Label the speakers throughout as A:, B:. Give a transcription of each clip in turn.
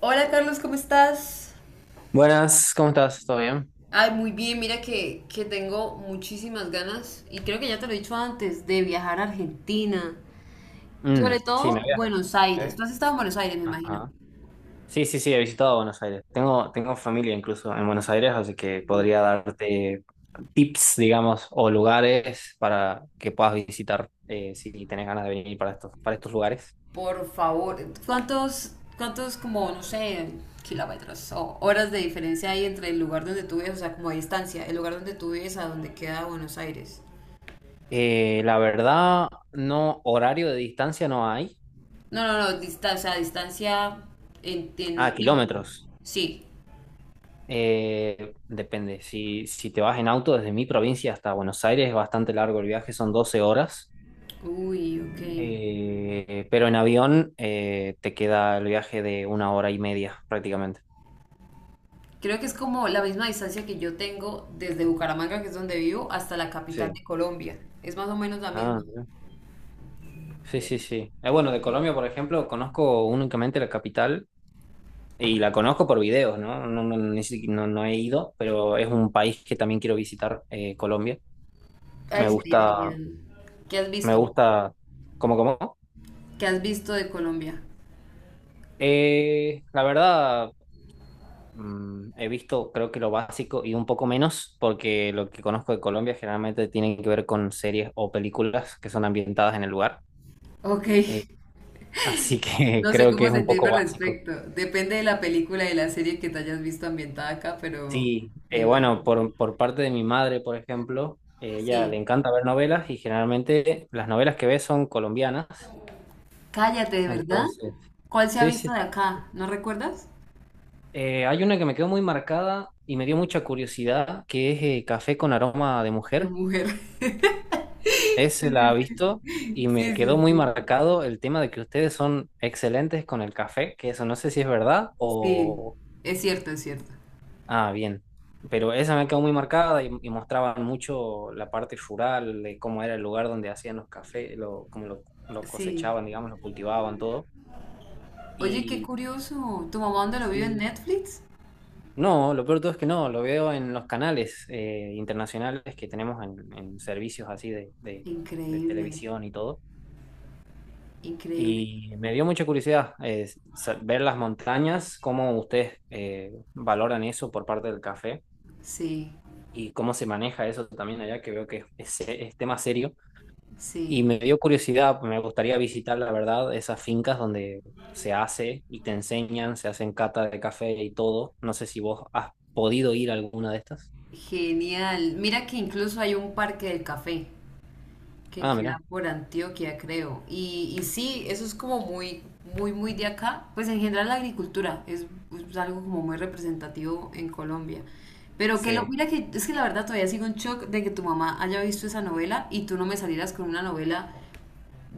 A: Hola Carlos, ¿cómo estás?
B: Buenas, ¿cómo estás? ¿Todo bien?
A: Ay, muy bien, mira que tengo muchísimas ganas, y creo que ya te lo he dicho antes, de viajar a Argentina. Sobre
B: Sí, me
A: todo
B: había.
A: Buenos Aires.
B: ¿Eh?
A: Tú has estado en Buenos Aires, me imagino.
B: Ajá. Sí, sí, sí, he visitado Buenos Aires. Tengo familia incluso en Buenos Aires, así que podría darte tips, digamos, o lugares para que puedas visitar si tenés ganas de venir para para estos lugares.
A: Por favor, ¿cuántos como, no sé, kilómetros o horas de diferencia hay entre el lugar donde tú vives, o sea, como de distancia, el lugar donde tú vives a donde queda Buenos Aires?
B: La verdad, no, horario de distancia no hay.
A: No, no, no, distancia, o sea, distancia en
B: Ah,
A: tiempo.
B: kilómetros.
A: Sí.
B: Depende. Si te vas en auto desde mi provincia hasta Buenos Aires, es bastante largo el viaje, son 12 horas.
A: Uy, ok.
B: Pero en avión te queda el viaje de 1 hora y media prácticamente.
A: Creo que es como la misma distancia que yo tengo desde Bucaramanga, que es donde vivo, hasta la capital
B: Sí.
A: de Colombia. Es más o menos la misma.
B: Ah, mira. Sí,
A: Ve.
B: sí, sí. Bueno, de
A: Ok.
B: Colombia, por ejemplo, conozco únicamente la capital y la conozco por videos, ¿no? No, no, no he ido, pero es un país que también quiero visitar, Colombia. Me
A: Ay, sería
B: gusta,
A: genial. ¿Qué has
B: me
A: visto?
B: gusta, ¿cómo, cómo?
A: ¿Qué has visto de Colombia?
B: La verdad. He visto, creo que lo básico y un poco menos, porque lo que conozco de Colombia generalmente tiene que ver con series o películas que son ambientadas en el lugar.
A: Ok.
B: Eh, así que
A: No sé
B: creo que
A: cómo
B: es un
A: sentirme
B: poco
A: al
B: básico.
A: respecto. Depende de la película y la serie que te hayas visto ambientada acá, pero
B: Sí,
A: me
B: bueno,
A: imagino.
B: por parte de mi madre, por ejemplo, ella le
A: Sí.
B: encanta ver novelas y generalmente las novelas que ve son colombianas.
A: Cállate, ¿de verdad?
B: Entonces,
A: ¿Cuál se ha
B: sí,
A: visto
B: sí.
A: de acá? ¿No recuerdas?
B: Hay una que me quedó muy marcada y me dio mucha curiosidad, que es Café con aroma de
A: De
B: mujer.
A: mujer. Sí,
B: Ese la ha
A: sí,
B: visto
A: sí.
B: y me
A: Sí,
B: quedó
A: sí,
B: muy
A: sí.
B: marcado el tema de que ustedes son excelentes con el café, que eso no sé si es verdad
A: Sí,
B: o...
A: es cierto, es cierto.
B: Ah, bien. Pero esa me quedó muy marcada y mostraban mucho la parte rural, de cómo era el lugar donde hacían los cafés, lo
A: Sí.
B: cosechaban, digamos, lo cultivaban, todo.
A: Oye, qué
B: Y
A: curioso. ¿Tu mamá dónde lo vio en
B: sí,
A: Netflix?
B: no, lo peor de todo es que no, lo veo en los canales internacionales que tenemos en servicios así de
A: Increíble,
B: televisión y todo.
A: increíble.
B: Y me dio mucha curiosidad ver las montañas, cómo ustedes valoran eso por parte del café
A: Sí,
B: y cómo se maneja eso también allá, que veo que es tema serio. Y
A: sí.
B: me dio curiosidad, me gustaría visitar, la verdad, esas fincas donde se hace y te enseñan, se hacen cata de café y todo. No sé si vos has podido ir a alguna de estas.
A: Genial. Mira que incluso hay un parque del café que
B: Ah,
A: queda
B: mira,
A: por Antioquia, creo. Y sí, eso es como muy, muy, muy de acá. Pues en general la agricultura es algo como muy representativo en Colombia. Pero que lo,
B: sí.
A: mira que es que la verdad todavía sigo en shock de que tu mamá haya visto esa novela y tú no me salieras con una novela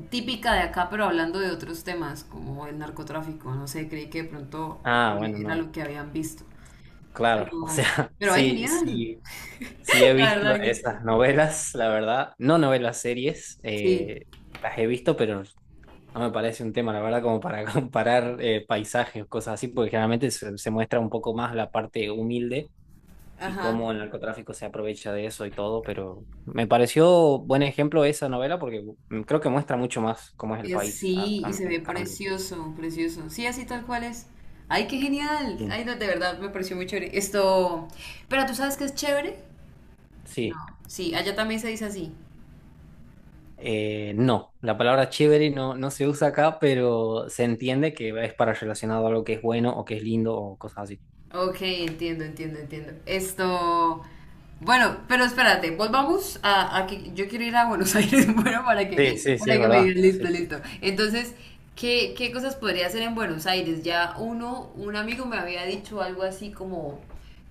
A: típica de acá, pero hablando de otros temas, como el narcotráfico, no sé, creí que de pronto
B: Ah, bueno,
A: era
B: no,
A: lo que habían visto.
B: claro. O
A: Pero,
B: sea,
A: pero ay,
B: sí,
A: genial.
B: sí. Sí, he
A: La
B: visto
A: verdad que
B: esas novelas, la verdad. No novelas, series.
A: sí.
B: Las he visto, pero no me parece un tema, la verdad, como para comparar paisajes o cosas así, porque generalmente se muestra un poco más la parte humilde y
A: Ajá.
B: cómo el narcotráfico se aprovecha de eso y todo, pero me pareció buen ejemplo esa novela porque creo que muestra mucho más cómo es el
A: Es,
B: país,
A: sí, y se
B: en
A: ve
B: cambio.
A: precioso, precioso. Sí, así tal cual es. Ay, qué genial.
B: Mm.
A: Ay, no, de verdad, me pareció muy chévere. Esto. Pero tú sabes que es chévere. No,
B: Sí.
A: sí, allá también se dice así.
B: No, la palabra chévere no se usa acá, pero se entiende que es para relacionado a algo que es bueno o que es lindo o cosas así.
A: Ok, entiendo, entiendo, entiendo. Esto. Bueno, pero espérate, volvamos a que yo quiero ir a Buenos Aires, bueno,
B: Sí, sí, sí,
A: para
B: es
A: que me
B: verdad.
A: digan,
B: Sí,
A: listo,
B: sí.
A: listo. Entonces, ¿qué cosas podría hacer en Buenos Aires? Ya uno, un amigo me había dicho algo así como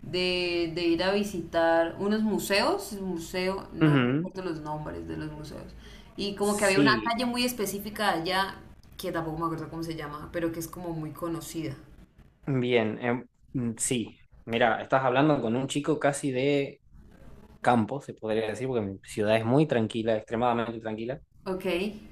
A: de ir a visitar unos museos, museo, no
B: Ujú.
A: recuerdo los nombres de los museos, y como que había una
B: Sí,
A: calle muy específica allá, que tampoco me acuerdo cómo se llama, pero que es como muy conocida.
B: bien, sí. Mira, estás hablando con un chico casi de campo, se podría decir, porque mi ciudad es muy tranquila, extremadamente tranquila,
A: Ok.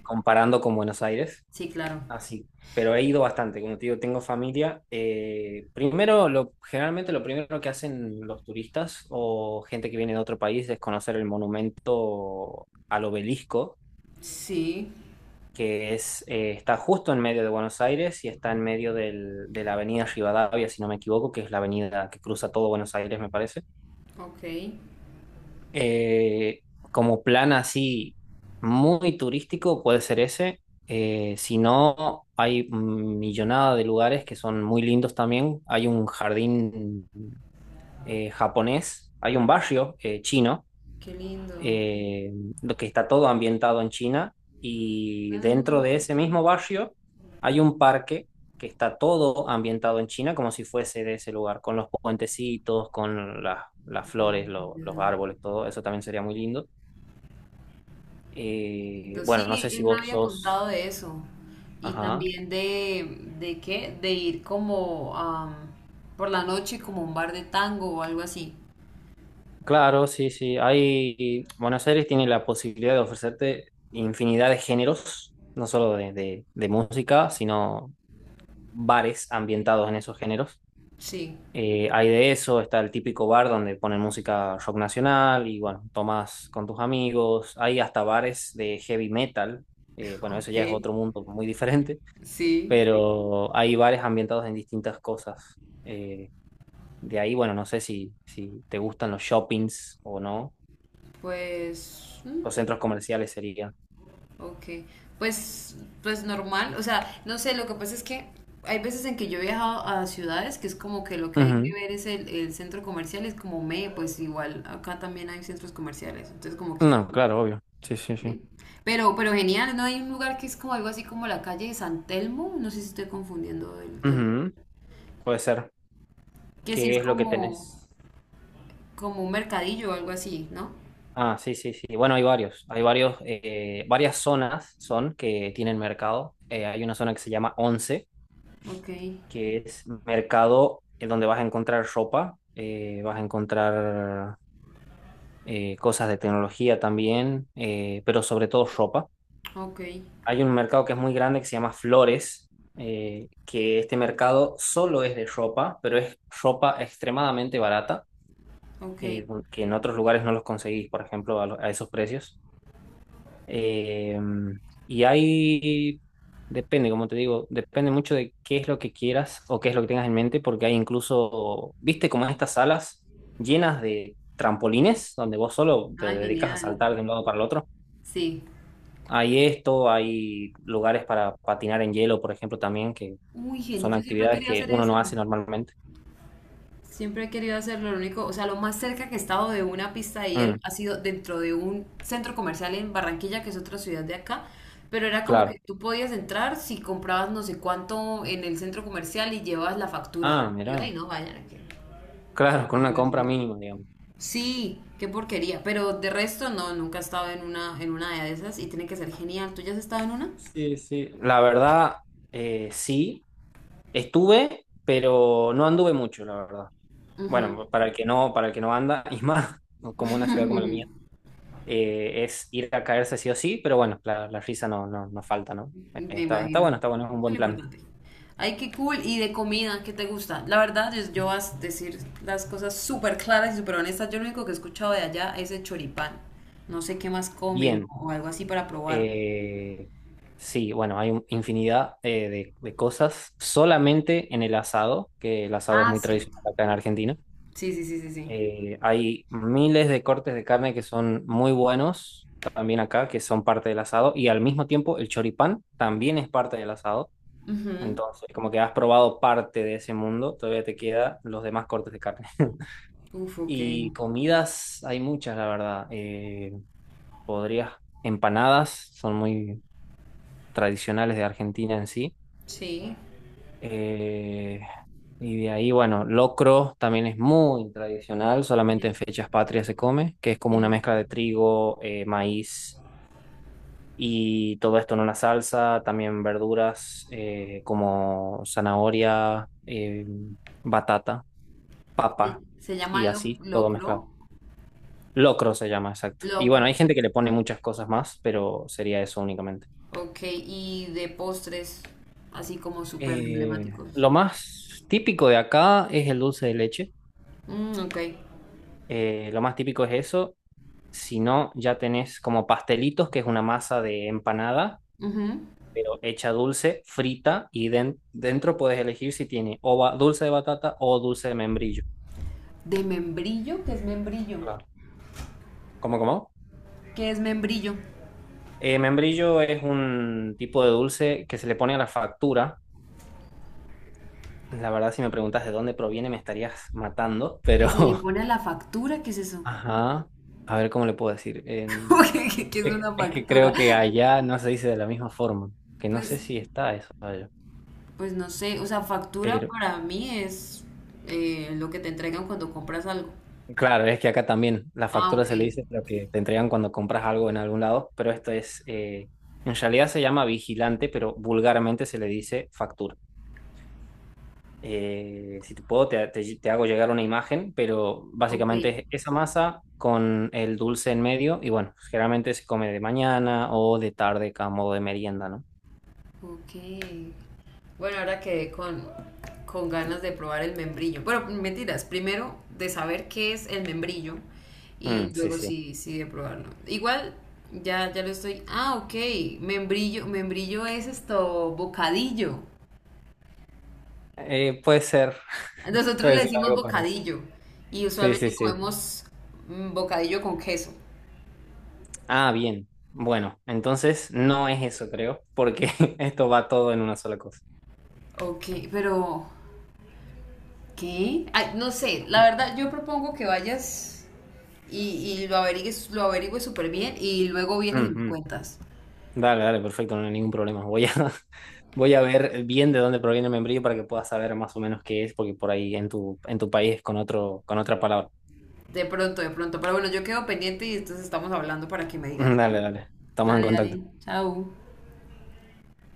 B: comparando con Buenos Aires.
A: Sí, claro.
B: Así, pero he ido bastante, como te digo, tengo familia. Primero, lo, generalmente lo primero que hacen los turistas o gente que viene de otro país es conocer el monumento al obelisco,
A: Sí,
B: que es, está justo en medio de Buenos Aires y está en medio de la avenida Rivadavia, si no me equivoco, que es la avenida que cruza todo Buenos Aires, me parece.
A: ok.
B: Eh, como plan así muy turístico puede ser ese. Si no, hay millonada de lugares que son muy lindos también. Hay un jardín japonés, hay un barrio chino,
A: Qué lindo.
B: eh, lo que está todo ambientado en China. Y dentro
A: Ah,
B: de ese mismo barrio hay un parque que está todo ambientado en China como si fuese de ese lugar, con los puentecitos, las flores, los
A: lindo.
B: árboles, todo. Eso también sería muy lindo. Bueno, no
A: Sí,
B: sé si
A: él me
B: vos
A: había
B: sos...
A: contado de eso. Y
B: Ajá.
A: también ¿de qué? De ir como por la noche como a un bar de tango o algo así.
B: Claro, sí, sí. Hay... Buenos Aires tiene la posibilidad de ofrecerte infinidad de géneros, no solo de música, sino bares ambientados en esos géneros.
A: Sí.
B: Hay de eso, está el típico bar donde ponen música rock nacional y bueno, tomás con tus amigos. Hay hasta bares de heavy metal. Bueno, eso
A: Ok.
B: ya es otro mundo muy diferente,
A: Sí.
B: pero hay bares ambientados en distintas cosas. De ahí, bueno, no sé si te gustan los shoppings o no.
A: Pues...
B: Los centros comerciales serían.
A: ok, pues, pues normal, o sea, no sé, lo que pasa es que hay veces en que yo he viajado a ciudades que es como que lo que hay que
B: Ujú.
A: ver es el centro comercial, es como me, pues igual acá también hay centros comerciales, entonces como que,
B: No, claro, obvio. Sí, sí, sí.
A: sí. Pero genial, ¿no? Hay un lugar que es como algo así como la calle de San Telmo, no sé si estoy confundiendo, el, tel-
B: Ujú. Puede ser.
A: que sí es
B: ¿Qué es lo que
A: como,
B: tenés?
A: como un mercadillo o algo así, ¿no?
B: Ah, sí, sí, sí. Bueno, hay varios. Hay varios, varias zonas son que tienen mercado. Hay una zona que se llama Once,
A: Ok,
B: que es mercado en donde vas a encontrar ropa, vas a encontrar cosas de tecnología también, pero sobre todo ropa.
A: ok,
B: Hay un mercado que es muy grande que se llama Flores, que este mercado solo es de ropa, pero es ropa extremadamente barata,
A: ok,
B: eh, que en otros lugares no los conseguís, por ejemplo, a esos precios. Eh, y hay, depende, como te digo, depende mucho de qué es lo que quieras o qué es lo que tengas en mente, porque hay incluso, viste, como estas salas llenas de trampolines, donde vos solo te
A: ah,
B: dedicas a
A: genial,
B: saltar de un lado para el otro.
A: sí.
B: Hay esto, hay lugares para patinar en hielo, por ejemplo, también, que
A: Uy, genial,
B: son
A: yo siempre
B: actividades
A: quería
B: que
A: hacer
B: uno
A: eso.
B: no hace normalmente.
A: Siempre he querido hacerlo, lo único, o sea, lo más cerca que he estado de una pista de hielo
B: Mm,
A: ha sido dentro de un centro comercial en Barranquilla, que es otra ciudad de acá, pero era como que
B: claro.
A: tú podías entrar si comprabas no sé cuánto en el centro comercial y llevabas la factura.
B: Ah,
A: Yo,
B: mirá.
A: ay, no, vayan que-
B: Claro, con una compra mínima, digamos.
A: Sí, qué porquería, pero de resto no, nunca he estado en una de esas y tiene que ser genial. ¿Tú ya has estado en una?
B: Sí, sí. La verdad, sí. Estuve, pero no anduve mucho, la verdad. Bueno, para el que no, para el que no anda, y más, como una ciudad como la mía, es ir a caerse sí o sí, pero bueno, la risa no, no, no falta, ¿no?
A: Me
B: Está,
A: imagino. Eso
B: está bueno, es un
A: es lo
B: buen plan.
A: importante. Ay, qué cool. ¿Y de comida? ¿Qué te gusta? La verdad, yo voy a decir las cosas súper claras y súper honestas. Yo lo único que he escuchado de allá es el choripán. No sé qué más comen
B: Bien.
A: o algo así para probar.
B: Eh, sí, bueno, infinidad de cosas solamente en el asado, que el asado es
A: Ah,
B: muy
A: cierto.
B: tradicional acá en Argentina.
A: Sí, sí, sí, sí, sí.
B: Hay miles de cortes de carne que son muy buenos también acá, que son parte del asado, y al mismo tiempo el choripán también es parte del asado.
A: Ujú.
B: Entonces, como que has probado parte de ese mundo, todavía te quedan los demás cortes de carne.
A: Uf, ok.
B: Y comidas hay muchas, la verdad. Podrías, empanadas son muy, tradicionales de Argentina en sí.
A: Sí.
B: Eh, y de ahí, bueno, locro también es muy tradicional, solamente
A: El,
B: en fechas patrias se come, que es como una
A: el-
B: mezcla de trigo, maíz y todo esto en una salsa, también verduras como zanahoria, batata,
A: se
B: papa
A: se llama
B: y
A: lo-
B: así, todo mezclado.
A: locro.
B: Locro se llama, exacto. Y bueno,
A: Locro.
B: hay gente que le pone muchas cosas más, pero sería eso únicamente.
A: Ok, y de postres, así como súper
B: Eh,
A: emblemáticos.
B: lo más típico de acá es el dulce de leche.
A: Mm, ok.
B: Lo más típico es eso. Si no, ya tenés como pastelitos, que es una masa de empanada,
A: Ujú.
B: pero hecha dulce, frita, y dentro puedes elegir si tiene dulce de batata o dulce de membrillo.
A: De membrillo, ¿qué es membrillo?
B: Claro. ¿Cómo, cómo?
A: ¿Qué es membrillo?
B: Membrillo es un tipo de dulce que se le pone a la factura. La verdad, si me preguntas de dónde proviene, me estarías matando,
A: Que
B: pero...
A: se le pone a la factura, ¿qué es eso?
B: Ajá. A ver cómo le puedo decir.
A: ¿Cómo
B: En-
A: que es una
B: Es que
A: factura?
B: creo que allá no se dice de la misma forma, que no sé
A: Pues,
B: si está eso allá.
A: pues no sé, o sea, factura
B: Pero
A: para mí es lo que te entregan cuando compras algo.
B: claro, es que acá también la
A: Ah,
B: factura
A: ok,
B: se le dice lo que te entregan cuando compras algo en algún lado, pero esto es, en realidad se llama vigilante, pero vulgarmente se le dice factura. Si te puedo, te hago llegar una imagen, pero
A: ok.
B: básicamente es esa masa con el dulce en medio y bueno, generalmente se come de mañana o de tarde a modo de merienda, ¿no?
A: Ok. Bueno, ahora quedé con ganas de probar el membrillo. Bueno, mentiras, primero de saber qué es el membrillo y
B: Mm, sí,
A: luego
B: sí.
A: sí, sí de probarlo. Igual, ya, ya lo estoy. Ah, ok. Membrillo, membrillo es esto, bocadillo.
B: Puede ser,
A: Nosotros
B: puede
A: le
B: ser
A: decimos
B: algo parecido.
A: bocadillo y
B: Sí, sí,
A: usualmente
B: sí.
A: comemos mm, bocadillo con queso.
B: Ah, bien. Bueno, entonces no es eso, creo, porque esto va todo en una sola cosa.
A: Ok, pero ¿qué? Ay, no sé, la verdad yo propongo que vayas y lo averigues, lo averigües súper bien y luego vienes y me
B: Ujú.
A: cuentas.
B: Dale, dale, perfecto, no hay ningún problema. Voy a, voy a ver bien de dónde proviene el membrillo para que puedas saber más o menos qué es, porque por ahí en tu país es con otro, con otra palabra.
A: De pronto, de pronto. Pero bueno, yo quedo pendiente y entonces estamos hablando para que me digas.
B: Dale, dale. Estamos en
A: Dale, dale.
B: contacto.
A: Chao.